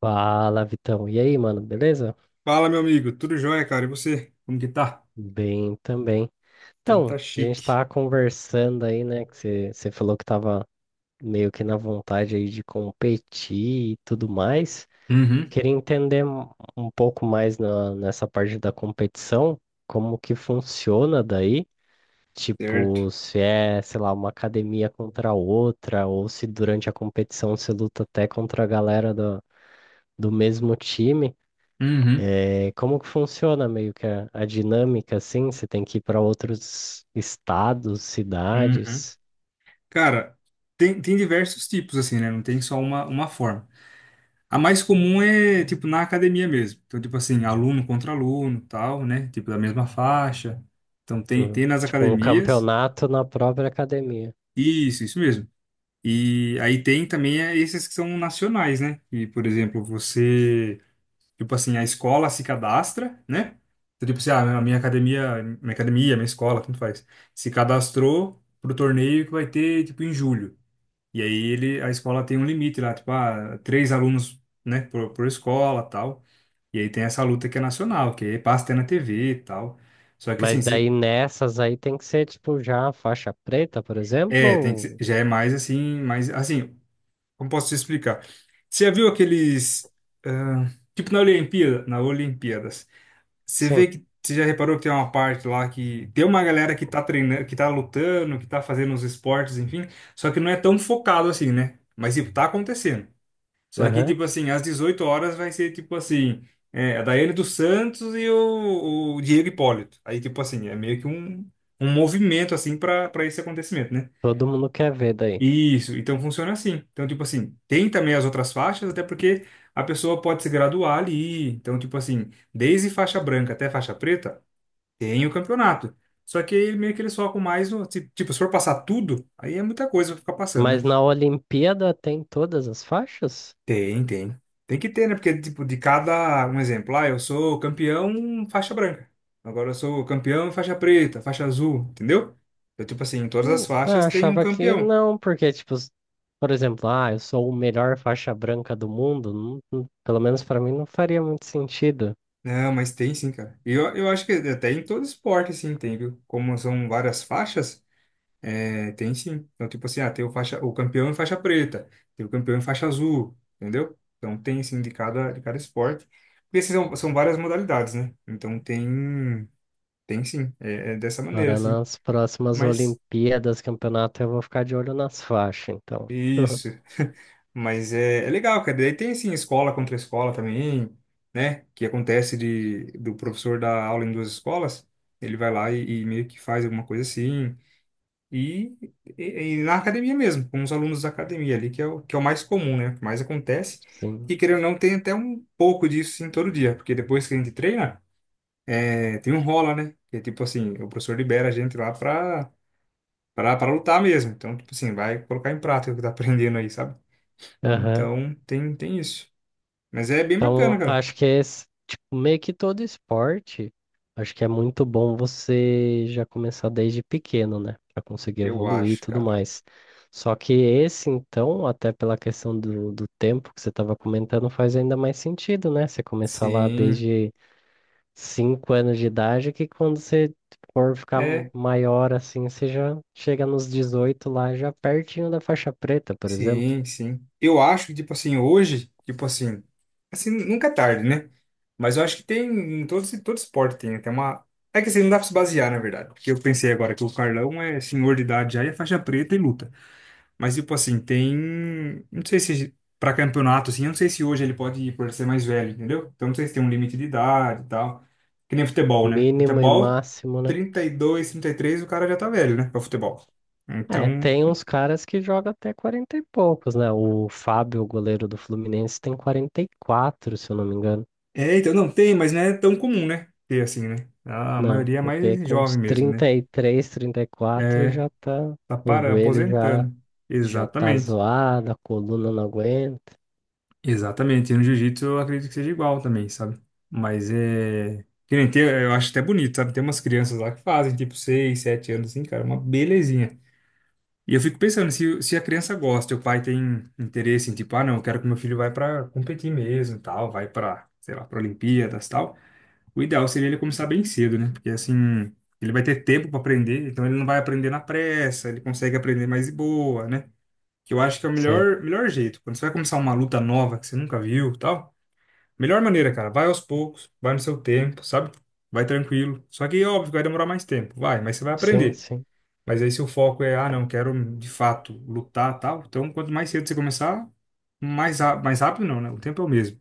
Fala, Vitão. E aí, mano, beleza? Fala, meu amigo. Tudo jóia, cara? E você? Como que tá? Bem também. Então tá Então, a gente chique. tava conversando aí, né? Que você falou que tava meio que na vontade aí de competir e tudo mais. Uhum. Queria entender um pouco mais nessa parte da competição, como que funciona daí. Certo? Tipo, se é, sei lá, uma academia contra outra, ou se durante a competição você luta até contra a galera do, mesmo time. Uhum. É, como que funciona meio que a dinâmica assim? Você tem que ir para outros estados, Uhum. cidades. Cara, tem diversos tipos, assim, né? Não tem só uma forma. A mais comum é, tipo, na academia mesmo. Então, tipo assim, aluno contra aluno, tal, né? Tipo, da mesma faixa. Então, tem, Hum, tem nas tipo um academias. campeonato na própria academia. Isso mesmo. E aí tem também esses que são nacionais, né? E, por exemplo, você... Tipo assim, a escola se cadastra, né? Então, tipo assim, a minha academia, minha escola, tanto faz, se cadastrou pro torneio que vai ter, tipo, em julho. E aí a escola tem um limite lá, tipo, três alunos, né, por escola, tal. E aí tem essa luta que é nacional, que aí passa até na TV e tal. Só que assim, Mas daí nessas aí tem que ser tipo já faixa preta, por exemplo? Tem que, Ou... já é mais assim, como posso te explicar? Você já viu aqueles, ah, tipo na Olimpíadas, Você vê Sim, que você já reparou que tem uma parte lá que tem uma galera que tá treinando, que tá lutando, que tá fazendo os esportes, enfim, só que não é tão focado assim, né? Mas tipo, tá acontecendo. Só que aham. tipo assim, às 18h vai ser tipo assim, a Daiane dos Santos e o Diego Hipólito. Aí tipo assim, é meio que um movimento assim para esse acontecimento, né? Todo mundo quer ver daí. Isso, então funciona assim. Então tipo assim, tem também as outras faixas, até porque a pessoa pode se graduar ali. Então tipo assim, desde faixa branca até faixa preta tem o campeonato. Só que aí meio que eles focam mais no. Tipo, se for passar tudo, aí é muita coisa pra ficar passando, Mas né? na Olimpíada tem todas as faixas? Tem, tem. Tem que ter, né? Porque, tipo, de cada. Um exemplo, eu sou campeão faixa branca. Agora eu sou campeão faixa preta, faixa azul, entendeu? Então, tipo assim, em todas Ué, as faixas ah, tem um achava que campeão. não, porque tipo, por exemplo, ah, eu sou o melhor faixa branca do mundo, pelo menos para mim não faria muito sentido. Não, mas tem sim, cara. E eu acho que até em todo esporte, assim, tem, viu? Como são várias faixas. É, tem sim. Então, tipo assim, tem o campeão em faixa preta, tem o campeão em faixa azul, entendeu? Então tem assim de cada esporte. Porque esses são várias modalidades, né? Então tem sim, é dessa maneira, Agora assim. nas próximas Mas Olimpíadas, campeonato, eu vou ficar de olho nas faixas, então. isso, mas é legal, cara. Daí tem assim, escola contra escola também, né? Que acontece de do professor dar aula em duas escolas, ele vai lá e meio que faz alguma coisa assim. E, e na academia mesmo, com os alunos da academia ali, que é o mais comum, né? O que mais acontece. Sim. E querendo ou não, tem até um pouco disso em todo dia, porque depois que a gente treina, tem um rola, né? Que é tipo assim, o professor libera a gente lá pra lutar mesmo. Então, tipo assim, vai colocar em prática o que tá aprendendo aí, sabe? Aham. Então, tem isso. Mas é bem bacana, Então, cara. acho que é tipo, meio que todo esporte, acho que é muito bom você já começar desde pequeno, né? Pra conseguir Eu evoluir e acho, tudo cara. mais. Só que esse, então, até pela questão do, tempo que você estava comentando, faz ainda mais sentido, né? Você começar lá Sim. desde 5 anos de idade, que quando você for ficar É. maior assim, você já chega nos 18 lá, já pertinho da faixa preta, por exemplo. Sim, sim. Eu acho que, tipo assim, hoje, tipo assim, nunca é tarde, né? Mas eu acho que tem, em todo esporte tem, né? Tem uma... É que assim, não dá pra se basear, na verdade. Porque eu pensei agora que o Carlão é senhor de idade já e é faixa preta e luta. Mas, tipo assim, tem... Não sei se pra campeonato, assim, eu não sei se hoje ele pode ir por ser mais velho, entendeu? Então, não sei se tem um limite de idade e tal. Que nem futebol, né? Mínimo e Futebol, máximo, né? 30 32 33 o cara já tá velho, né? Pra futebol. É, Então... tem uns caras que jogam até 40 e poucos, né? O Fábio, o goleiro do Fluminense, tem 44 se eu não me engano. É, então, não, tem, mas não é tão comum, né? Ter assim, né? A Não, maioria é porque mais com uns jovem mesmo, trinta né? trinta e três trinta e quatro É, já tá. tá O para joelho já, aposentando. já tá Exatamente. zoado, a coluna não aguenta. Exatamente. E no jiu-jitsu eu acredito que seja igual também, sabe? Mas é. Que nem tem, eu acho até bonito, sabe? Tem umas crianças lá que fazem, tipo, 6 7 anos, assim, cara, é uma belezinha. E eu fico pensando, se a criança gosta, e o pai tem interesse em, tipo, não, eu quero que meu filho vá pra competir mesmo, e tal, vai pra, sei lá, pra Olimpíadas, e tal. O ideal seria ele começar bem cedo, né? Porque assim, ele vai ter tempo para aprender, então ele não vai aprender na pressa, ele consegue aprender mais de boa, né? Que eu acho que é o Sei. melhor jeito. Quando você vai começar uma luta nova que você nunca viu, e tal, melhor maneira, cara, vai aos poucos, vai no seu tempo, sabe? Vai tranquilo. Só que óbvio vai demorar mais tempo, vai, mas você vai Sim, aprender. sim. Mas aí se o foco é, não, quero de fato lutar, tal, então quanto mais cedo você começar, mais rápido não, né? O tempo é o mesmo.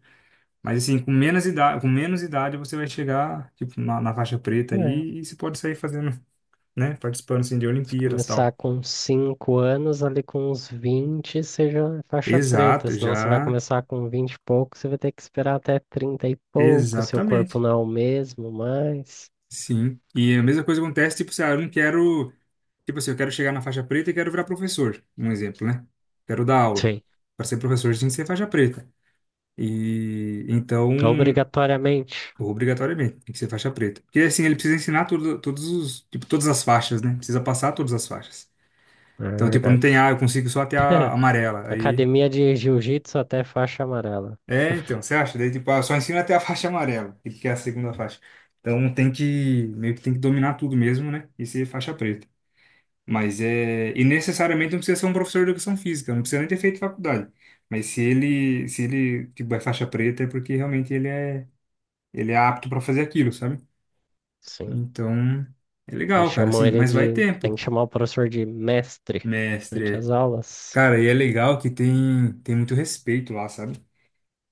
Mas assim, com menos idade você vai chegar, tipo, na faixa preta É. aí e você pode sair fazendo, né? Participando, assim, de Se Olimpíadas e começar tal. com 5 anos, ali com uns 20, seja faixa preta. Exato, Senão você vai já. começar com 20 e pouco, você vai ter que esperar até 30 e pouco, seu corpo Exatamente. não é o mesmo, mas. Sim. E a mesma coisa acontece, tipo, se eu não quero... Tipo assim, eu quero chegar na faixa preta e quero virar professor. Um exemplo, né? Quero dar aula. Sim, Para ser professor, tem que ser faixa preta. E então, obrigatoriamente. obrigatoriamente, tem que ser faixa preta. Porque assim, ele precisa ensinar tudo, tipo, todas as faixas, né? Precisa passar todas as faixas. É Então, tipo, não tem verdade. A, eu consigo só até a amarela. Aí. Academia de Jiu-Jitsu até faixa amarela. É, então, você acha? Daí, tipo, só ensina até a faixa amarela, que é a segunda faixa. Então, meio que tem que dominar tudo mesmo, né? E ser faixa preta. Mas é. E necessariamente não precisa ser um professor de educação física, não precisa nem ter feito faculdade. Mas se ele, tipo, é faixa preta, é porque realmente ele é apto para fazer aquilo, sabe? Sim. Então, é E legal, cara, chamam assim, ele mas vai de. Tem tempo, que chamar o professor de mestre durante mestre. as aulas. Cara, e é legal que tem muito respeito lá, sabe?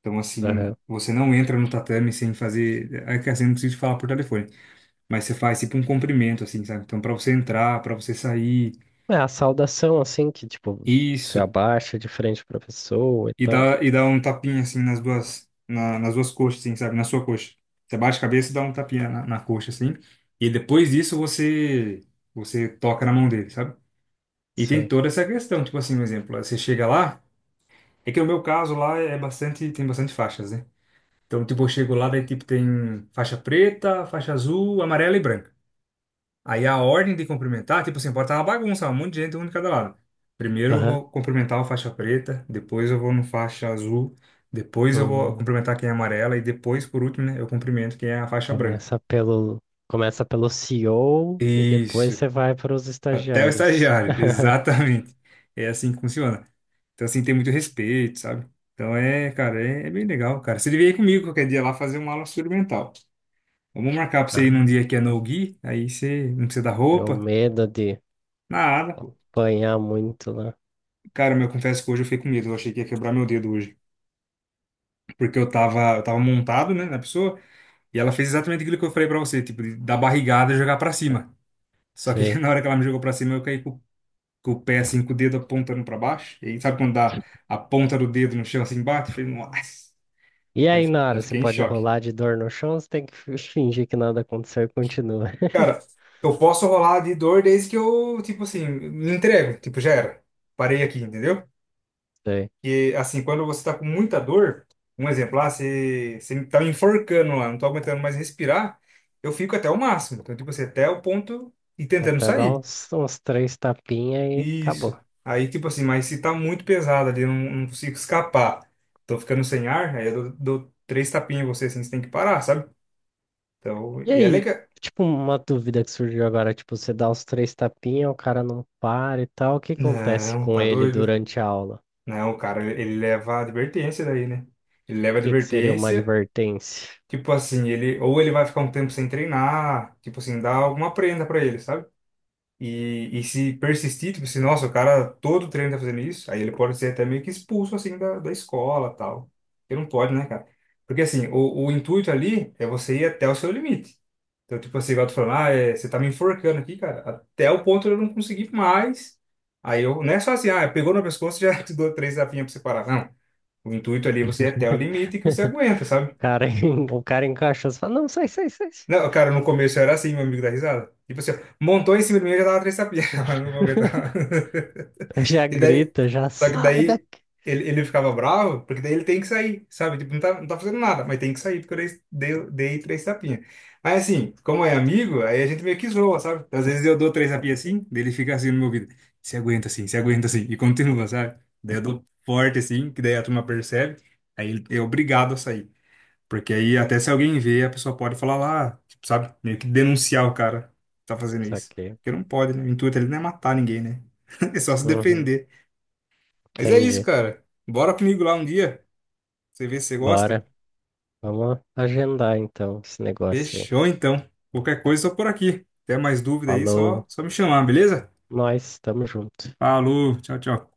Então, assim, Aham. você não entra no tatame sem fazer. É que assim, não preciso falar por telefone, mas você faz tipo um cumprimento, assim, sabe? Então, pra você entrar, pra você sair, É a saudação, assim, que tipo, se isso. abaixa de frente para a pessoa e E tal. dá, e dá um tapinha, assim, nas duas coxas, assim, sabe? Na sua coxa. Você bate a cabeça e dá um tapinha na coxa, assim. E depois disso, você toca na mão dele, sabe? E tem Sim. toda essa questão, tipo assim, um exemplo, você chega lá. É que no meu caso lá é bastante, tem bastante faixas, né? Então, tipo, eu chego lá, daí, tipo, tem faixa preta, faixa azul, amarela e branca. Aí a ordem de cumprimentar, tipo assim, pode estar uma bagunça, um monte de gente, um de cada lado. Primeiro eu Aham. vou cumprimentar a faixa preta, depois eu vou no faixa azul, depois eu vou Hum, cumprimentar quem é amarela e depois, por último, né, eu cumprimento quem é a faixa branca. começa pelo, começa pelo CEO e O e depois Isso. você vai para os Até o estagiários. estagiário, exatamente. É assim que funciona. Então, assim, tem muito respeito, sabe? Então, cara, é bem legal, cara. Você devia ir comigo qualquer dia lá fazer uma aula experimental. Vamos marcar pra você ir num Ah, dia que é eu, no-gi, aí você não precisa da eu roupa, medo de nada, pô. apanhar muito lá. Cara, meu, eu confesso que hoje eu fiquei com medo, eu achei que ia quebrar meu dedo hoje. Porque eu tava montado, né, na pessoa, e ela fez exatamente aquilo que eu falei pra você, tipo, de dar barrigada e jogar pra cima. Só que Sei. na hora que ela me jogou pra cima, eu caí com o pé, assim, com o dedo apontando pra baixo. E aí, sabe quando dá a ponta do dedo no chão, assim, bate? Eu falei, nossa, E já, aí, fi- na já hora, você fiquei em pode choque. rolar de dor no chão, você tem que fingir que nada aconteceu e continua. Cara, eu posso rolar de dor desde que eu, tipo assim, me entrego, tipo, já era. Parei aqui, entendeu? Sei. Que, assim, quando você está com muita dor, um exemplo, lá, você tá me enforcando lá, não tô aguentando mais respirar, eu fico até o máximo. Então, tipo assim, até o ponto e tentando Até dar sair. uns três tapinhas e acabou. Isso. Aí, tipo assim, mas se tá muito pesado ali, eu não consigo escapar, tô ficando sem ar, aí eu dou três tapinhas em você, assim, você tem que parar, sabe? Então, E e é aí, legal. tipo, uma dúvida que surgiu agora, tipo, você dá os três tapinhas, o cara não para e tal, o que acontece Não, com tá ele doido? durante a aula? Não, cara, ele leva advertência daí, né? Ele O leva que que seria uma advertência. advertência? Tipo assim, ele vai ficar um tempo sem treinar, tipo assim, dá alguma prenda pra ele, sabe? E se persistir, tipo assim, nossa, o cara todo treino tá fazendo isso, aí ele pode ser até meio que expulso assim da escola, tal. Porque não pode, né, cara? Porque assim, o intuito ali é você ir até o seu limite. Então, tipo assim, igual tu falando, você tá me enforcando aqui, cara, até o ponto de eu não conseguir mais. Não é só assim, pegou no pescoço, já te dou três tapinhas pra você parar. Não. O intuito ali é você ir até o limite que você aguenta, sabe? O cara, o cara encaixa e fala, não, sai, sai, sai. Não, cara, no começo era assim, meu amigo da risada. Tipo assim, ó, montou em cima de mim, eu já tava três tapinhas, mas não vou aguentar. Já E daí, grita, já só que sai daí daqui. ele ficava bravo, porque daí ele tem que sair, sabe? Tipo, não tá fazendo nada, mas tem que sair, porque eu dei três tapinhas. Mas assim, como é amigo, aí a gente meio que zoa, sabe? Às vezes eu dou três tapinhas assim, daí ele fica assim no meu ouvido, se aguenta assim, se aguenta assim, e continua, sabe? Daí eu dou forte assim, que daí a turma percebe, aí ele é obrigado a sair. Porque aí até se alguém vê, a pessoa pode falar lá, tipo, sabe? Meio que denunciar o cara que tá fazendo Isso isso. aqui. Porque não pode, né? O intuito ali não é matar ninguém, né? É só se Uhum. defender. Mas é isso, Entendi. cara. Bora comigo lá um dia. Você vê se você Bora. gosta. Vamos agendar então esse negócio aí. Fechou, então. Qualquer coisa, só por aqui. Até mais dúvida aí, só, Falou. só me chamar, beleza? Nós estamos junto. Falou, tchau, tchau.